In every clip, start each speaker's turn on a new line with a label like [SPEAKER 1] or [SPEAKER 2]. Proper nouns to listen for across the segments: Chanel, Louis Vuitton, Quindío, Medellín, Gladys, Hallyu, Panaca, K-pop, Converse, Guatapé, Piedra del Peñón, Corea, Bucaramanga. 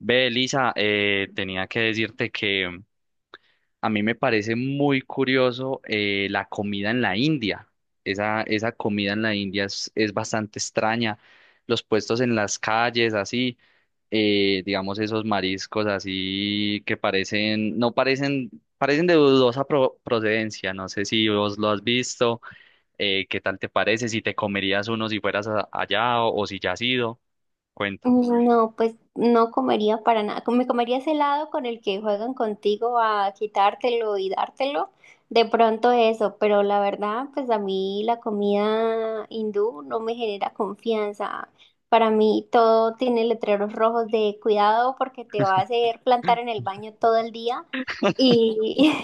[SPEAKER 1] Ve, Elisa, tenía que decirte que a mí me parece muy curioso la comida en la India. Esa comida en la India es bastante extraña. Los puestos en las calles, así, digamos, esos mariscos así que parecen, no parecen, parecen de dudosa procedencia. No sé si vos lo has visto, qué tal te parece, si te comerías uno si fueras allá o si ya has ido. Cuéntame.
[SPEAKER 2] No, pues no comería para nada. Me comería ese helado con el que juegan contigo a quitártelo y dártelo. De pronto eso, pero la verdad, pues a mí la comida hindú no me genera confianza. Para mí todo tiene letreros rojos de cuidado porque te va a hacer plantar en el baño todo el día. y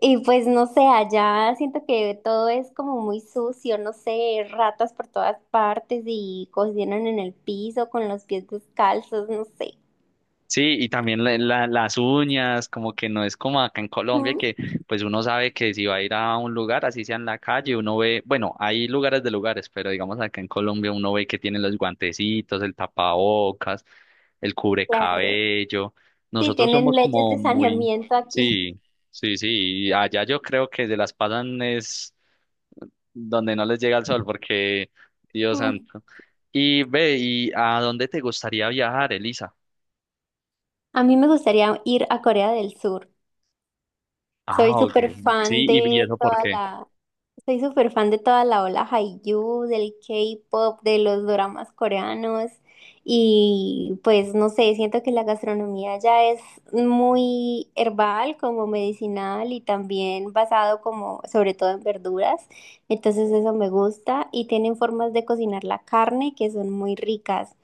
[SPEAKER 2] y pues no sé, allá siento que todo es como muy sucio, no sé, ratas por todas partes y cocinan en el piso con los pies descalzos, no sé.
[SPEAKER 1] Sí, y también las uñas, como que no es como acá en Colombia,
[SPEAKER 2] Ujú.
[SPEAKER 1] que pues uno sabe que si va a ir a un lugar, así sea en la calle, uno ve, bueno, hay lugares de lugares, pero digamos acá en Colombia uno ve que tienen los guantecitos, el tapabocas, el
[SPEAKER 2] Claro.
[SPEAKER 1] cubrecabello.
[SPEAKER 2] Sí,
[SPEAKER 1] Nosotros
[SPEAKER 2] tienen
[SPEAKER 1] somos
[SPEAKER 2] leyes
[SPEAKER 1] como
[SPEAKER 2] de
[SPEAKER 1] muy,
[SPEAKER 2] saneamiento aquí.
[SPEAKER 1] sí, sí, sí, y allá yo creo que se las pasan es donde no les llega el sol, porque Dios
[SPEAKER 2] Mm.
[SPEAKER 1] santo. Y ve, ¿y a dónde te gustaría viajar, Elisa?
[SPEAKER 2] A mí me gustaría ir a Corea del Sur. Soy
[SPEAKER 1] Ah, ok.
[SPEAKER 2] súper fan
[SPEAKER 1] Sí, y
[SPEAKER 2] de
[SPEAKER 1] eso por
[SPEAKER 2] toda
[SPEAKER 1] qué.
[SPEAKER 2] la, Soy súper fan de toda la ola Hallyu, del K-pop, de los dramas coreanos y pues no sé, siento que la gastronomía ya es muy herbal, como medicinal y también basado como sobre todo en verduras, entonces eso me gusta y tienen formas de cocinar la carne que son muy ricas.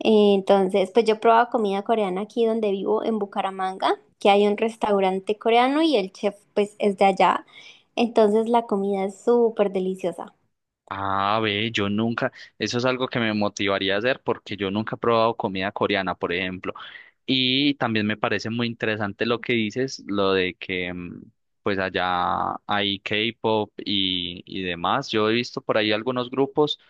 [SPEAKER 2] Entonces, pues yo probaba comida coreana aquí donde vivo, en Bucaramanga, que hay un restaurante coreano y el chef pues es de allá. Entonces la comida es súper deliciosa.
[SPEAKER 1] Ah, ve, yo nunca, eso es algo que me motivaría a hacer porque yo nunca he probado comida coreana, por ejemplo. Y también me parece muy interesante lo que dices, lo de que mm, pues allá hay K-pop y demás. Yo he visto por ahí algunos grupos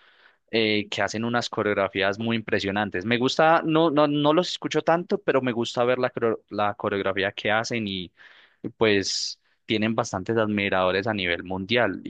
[SPEAKER 1] que hacen unas coreografías muy impresionantes. Me gusta, no, no, no los escucho tanto, pero me gusta ver la, la coreografía que hacen y pues tienen bastantes admiradores a nivel mundial.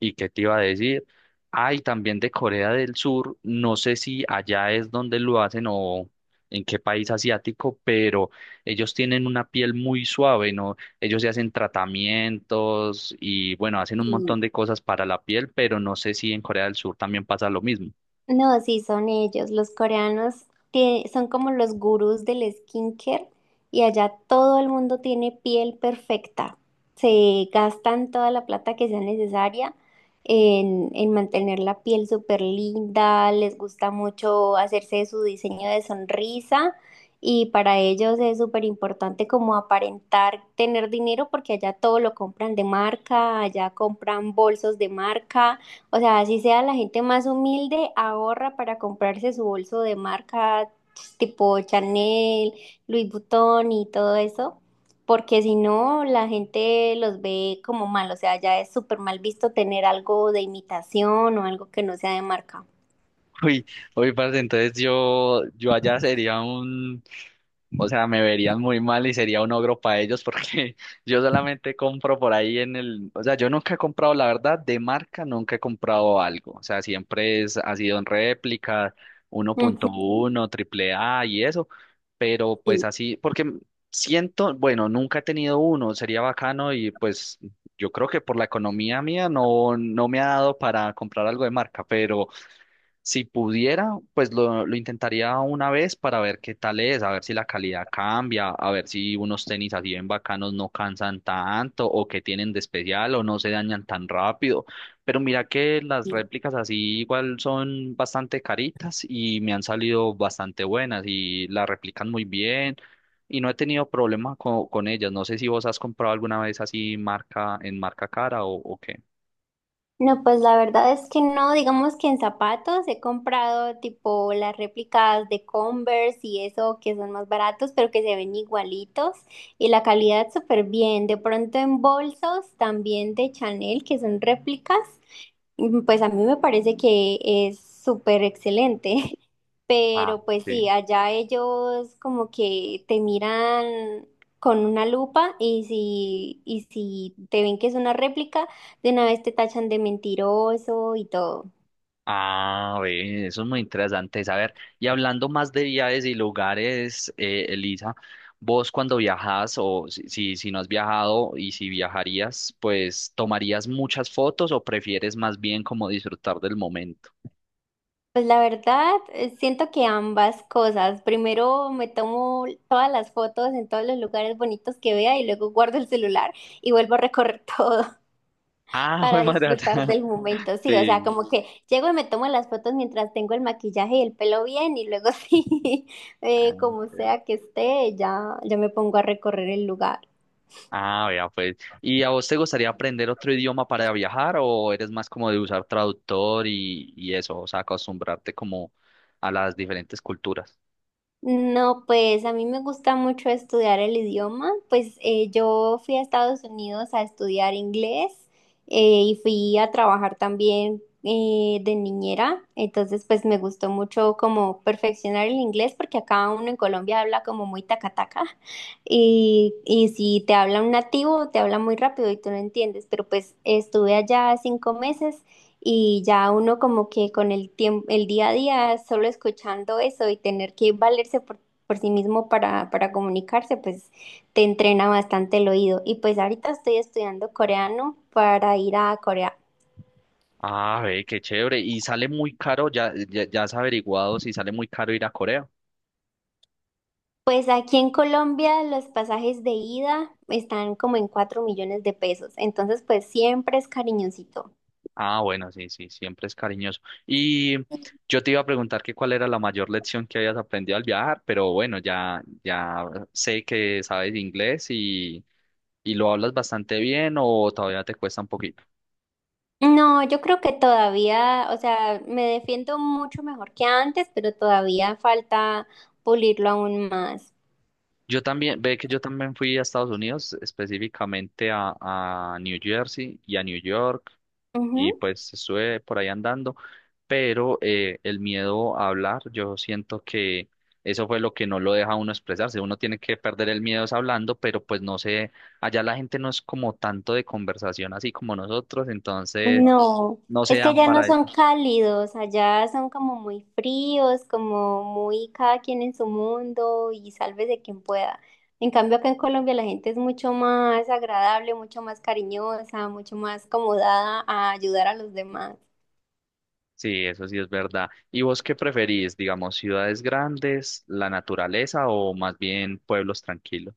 [SPEAKER 1] ¿Y qué te iba a decir? Ay, también de Corea del Sur, no sé si allá es donde lo hacen o en qué país asiático, pero ellos tienen una piel muy suave, ¿no? Ellos se hacen tratamientos y bueno, hacen un
[SPEAKER 2] Sí.
[SPEAKER 1] montón de cosas para la piel, pero no sé si en Corea del Sur también pasa lo mismo.
[SPEAKER 2] No, sí, son ellos. Los coreanos son como los gurús del skincare y allá todo el mundo tiene piel perfecta. Se gastan toda la plata que sea necesaria en mantener la piel súper linda. Les gusta mucho hacerse su diseño de sonrisa y para ellos es súper importante como aparentar tener dinero porque allá todo lo compran de marca, allá compran bolsos de marca. O sea, así sea la gente más humilde, ahorra para comprarse su bolso de marca tipo Chanel, Louis Vuitton y todo eso, porque si no, la gente los ve como mal, o sea, ya es súper mal visto tener algo de imitación o algo que no sea de marca.
[SPEAKER 1] Uy, uy, parce, entonces yo allá sería un... O sea, me verían muy mal y sería un ogro para ellos porque yo solamente compro por ahí en el, o sea, yo nunca he comprado, la verdad, de marca nunca he comprado algo. O sea, siempre es, ha sido en réplica, 1.1, AAA y eso, pero
[SPEAKER 2] Ujú.
[SPEAKER 1] pues así, porque siento, bueno, nunca he tenido uno, sería bacano y pues yo creo que por la economía mía no, no me ha dado para comprar algo de marca, pero si pudiera, pues lo intentaría una vez para ver qué tal es, a ver si la calidad cambia, a ver si unos tenis así bien bacanos no cansan tanto o que tienen de especial o no se dañan tan rápido. Pero mira que las réplicas así igual son bastante caritas y me han salido bastante buenas y las replican muy bien y no he tenido problema con, ellas. No sé si vos has comprado alguna vez así marca en marca cara o qué.
[SPEAKER 2] No, pues la verdad es que no, digamos que en zapatos he comprado tipo las réplicas de Converse y eso que son más baratos, pero que se ven igualitos y la calidad súper bien. De pronto en bolsos también de Chanel, que son réplicas, pues a mí me parece que es súper excelente.
[SPEAKER 1] Ah,
[SPEAKER 2] Pero pues sí,
[SPEAKER 1] sí.
[SPEAKER 2] allá ellos como que te miran con una lupa y si te ven que es una réplica de una vez te tachan de mentiroso y todo.
[SPEAKER 1] Ah, ve, eso es muy interesante saber. Y hablando más de viajes y lugares, Elisa, vos cuando viajas o si no has viajado y si viajarías, pues ¿tomarías muchas fotos o prefieres más bien como disfrutar del momento?
[SPEAKER 2] Pues la verdad, siento que ambas cosas. Primero me tomo todas las fotos en todos los lugares bonitos que vea y luego guardo el celular y vuelvo a recorrer todo
[SPEAKER 1] Ah, jue
[SPEAKER 2] para
[SPEAKER 1] madre.
[SPEAKER 2] disfrutar del momento. Sí, o sea,
[SPEAKER 1] Sí.
[SPEAKER 2] como que llego y me tomo las fotos mientras tengo el maquillaje y el pelo bien y luego sí,
[SPEAKER 1] Ah,
[SPEAKER 2] como
[SPEAKER 1] ok.
[SPEAKER 2] sea que esté, ya, ya me pongo a recorrer el lugar.
[SPEAKER 1] Ah, vea, pues. ¿Y a vos te gustaría aprender otro idioma para viajar o eres más como de usar traductor y eso, o sea, acostumbrarte como a las diferentes culturas?
[SPEAKER 2] No, pues a mí me gusta mucho estudiar el idioma. Pues yo fui a Estados Unidos a estudiar inglés y fui a trabajar también de niñera. Entonces, pues me gustó mucho como perfeccionar el inglés porque acá uno en Colombia habla como muy tacataca y si te habla un nativo, te habla muy rápido y tú no entiendes. Pero pues estuve allá 5 meses. Y ya uno como que con el tiempo, el día a día, solo escuchando eso y tener que valerse por sí mismo para comunicarse, pues te entrena bastante el oído. Y pues ahorita estoy estudiando coreano para ir a Corea.
[SPEAKER 1] Ah, ve, qué chévere. Y sale muy caro, ya has averiguado si sale muy caro ir a Corea.
[SPEAKER 2] Pues aquí en Colombia los pasajes de ida están como en 4 millones de pesos, entonces pues siempre es cariñosito.
[SPEAKER 1] Ah, bueno, sí, sí, siempre es cariñoso. Y yo te iba a preguntar que cuál era la mayor lección que habías aprendido al viajar, pero bueno, ya sé que sabes inglés y lo hablas bastante bien o todavía te cuesta un poquito.
[SPEAKER 2] No, yo creo que todavía, o sea, me defiendo mucho mejor que antes, pero todavía falta pulirlo aún más.
[SPEAKER 1] Yo también, ve que yo también fui a Estados Unidos, específicamente a New Jersey y a New York y
[SPEAKER 2] Ujú.
[SPEAKER 1] pues estuve por ahí andando, pero el miedo a hablar, yo siento que eso fue lo que no lo deja a uno expresarse, uno tiene que perder el miedo es hablando, pero pues no sé, allá la gente no es como tanto de conversación así como nosotros, entonces
[SPEAKER 2] No,
[SPEAKER 1] no se
[SPEAKER 2] es que
[SPEAKER 1] dan
[SPEAKER 2] allá no
[SPEAKER 1] para eso.
[SPEAKER 2] son cálidos, allá son como muy fríos, como muy cada quien en su mundo y sálvese quien pueda. En cambio, acá en Colombia la gente es mucho más agradable, mucho más cariñosa, mucho más acomodada a ayudar a los demás.
[SPEAKER 1] Sí, eso sí es verdad. ¿Y vos qué preferís, digamos, ciudades grandes, la naturaleza o más bien pueblos tranquilos?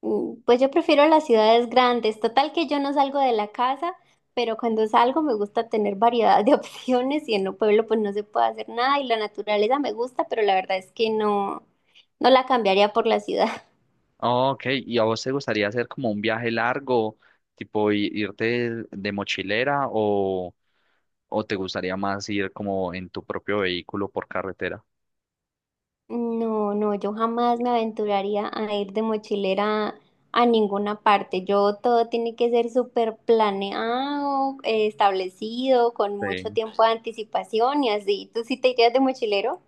[SPEAKER 2] Pues yo prefiero las ciudades grandes. Total que yo no salgo de la casa, pero cuando salgo me gusta tener variedad de opciones y en el pueblo pues no se puede hacer nada y la naturaleza me gusta, pero la verdad es que no, no la cambiaría por la ciudad.
[SPEAKER 1] Ah, ok, ¿y a vos te gustaría hacer como un viaje largo, tipo irte de mochilera o te gustaría más ir como en tu propio vehículo por carretera?
[SPEAKER 2] No, no, yo jamás me aventuraría a ir de mochilera a ninguna parte. Yo todo tiene que ser súper planeado, establecido, con mucho
[SPEAKER 1] Sí.
[SPEAKER 2] tiempo de anticipación y así. ¿Tú sí te irías de mochilero?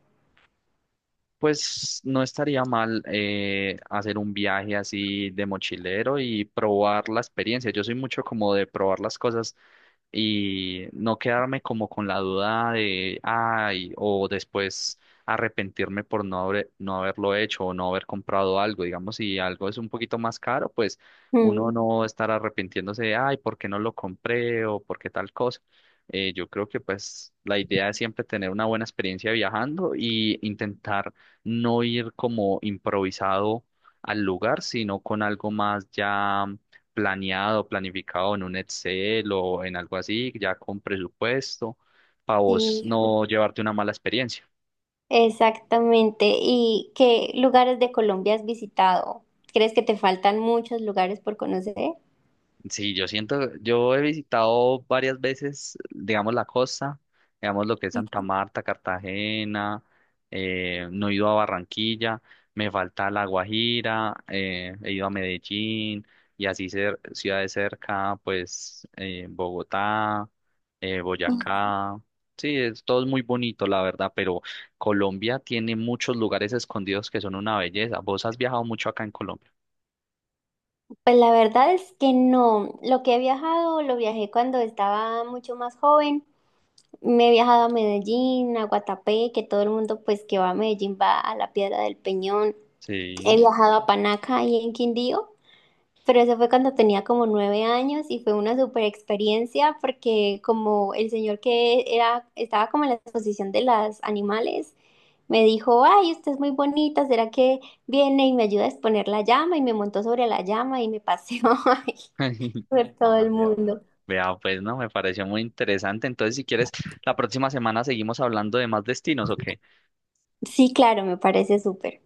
[SPEAKER 1] Pues no estaría mal hacer un viaje así de mochilero y probar la experiencia. Yo soy mucho como de probar las cosas y no quedarme como con la duda de, ay, o después arrepentirme por no haberlo hecho o no haber comprado algo. Digamos, si algo es un poquito más caro, pues uno
[SPEAKER 2] Mm,
[SPEAKER 1] no estar arrepintiéndose de, ay, ¿por qué no lo compré o por qué tal cosa? Yo creo que pues la idea es siempre tener una buena experiencia viajando y intentar no ir como improvisado al lugar, sino con algo más ya planeado, planificado en un Excel o en algo así, ya con presupuesto, para vos
[SPEAKER 2] sí.
[SPEAKER 1] no llevarte una mala experiencia.
[SPEAKER 2] Exactamente. ¿Y qué lugares de Colombia has visitado? ¿Crees que te faltan muchos lugares por conocer?
[SPEAKER 1] Sí, yo siento, yo he visitado varias veces, digamos, la costa, digamos lo que es Santa Marta, Cartagena, no he ido a Barranquilla, me falta La Guajira, he ido a Medellín y así ciudades cerca, pues Bogotá, Boyacá. Sí, es, todo es muy bonito, la verdad, pero Colombia tiene muchos lugares escondidos que son una belleza. ¿Vos has viajado mucho acá en Colombia?
[SPEAKER 2] Pues la verdad es que no. Lo que he viajado, lo viajé cuando estaba mucho más joven. Me he viajado a Medellín, a Guatapé, que todo el mundo pues que va a Medellín va a la Piedra del Peñón. He
[SPEAKER 1] Sí.
[SPEAKER 2] viajado a Panaca y en Quindío. Pero eso fue cuando tenía como 9 años y fue una super experiencia porque como el señor que era, estaba como en la exposición de los animales, me dijo, ay, usted es muy bonita, ¿será que viene y me ayuda a exponer la llama? Y me montó sobre la llama y me paseó ay, por todo
[SPEAKER 1] Ah,
[SPEAKER 2] el mundo.
[SPEAKER 1] vea, pues, no, me pareció muy interesante. Entonces, si quieres, la próxima semana seguimos hablando de más destinos, ¿ok?
[SPEAKER 2] Sí, claro, me parece súper.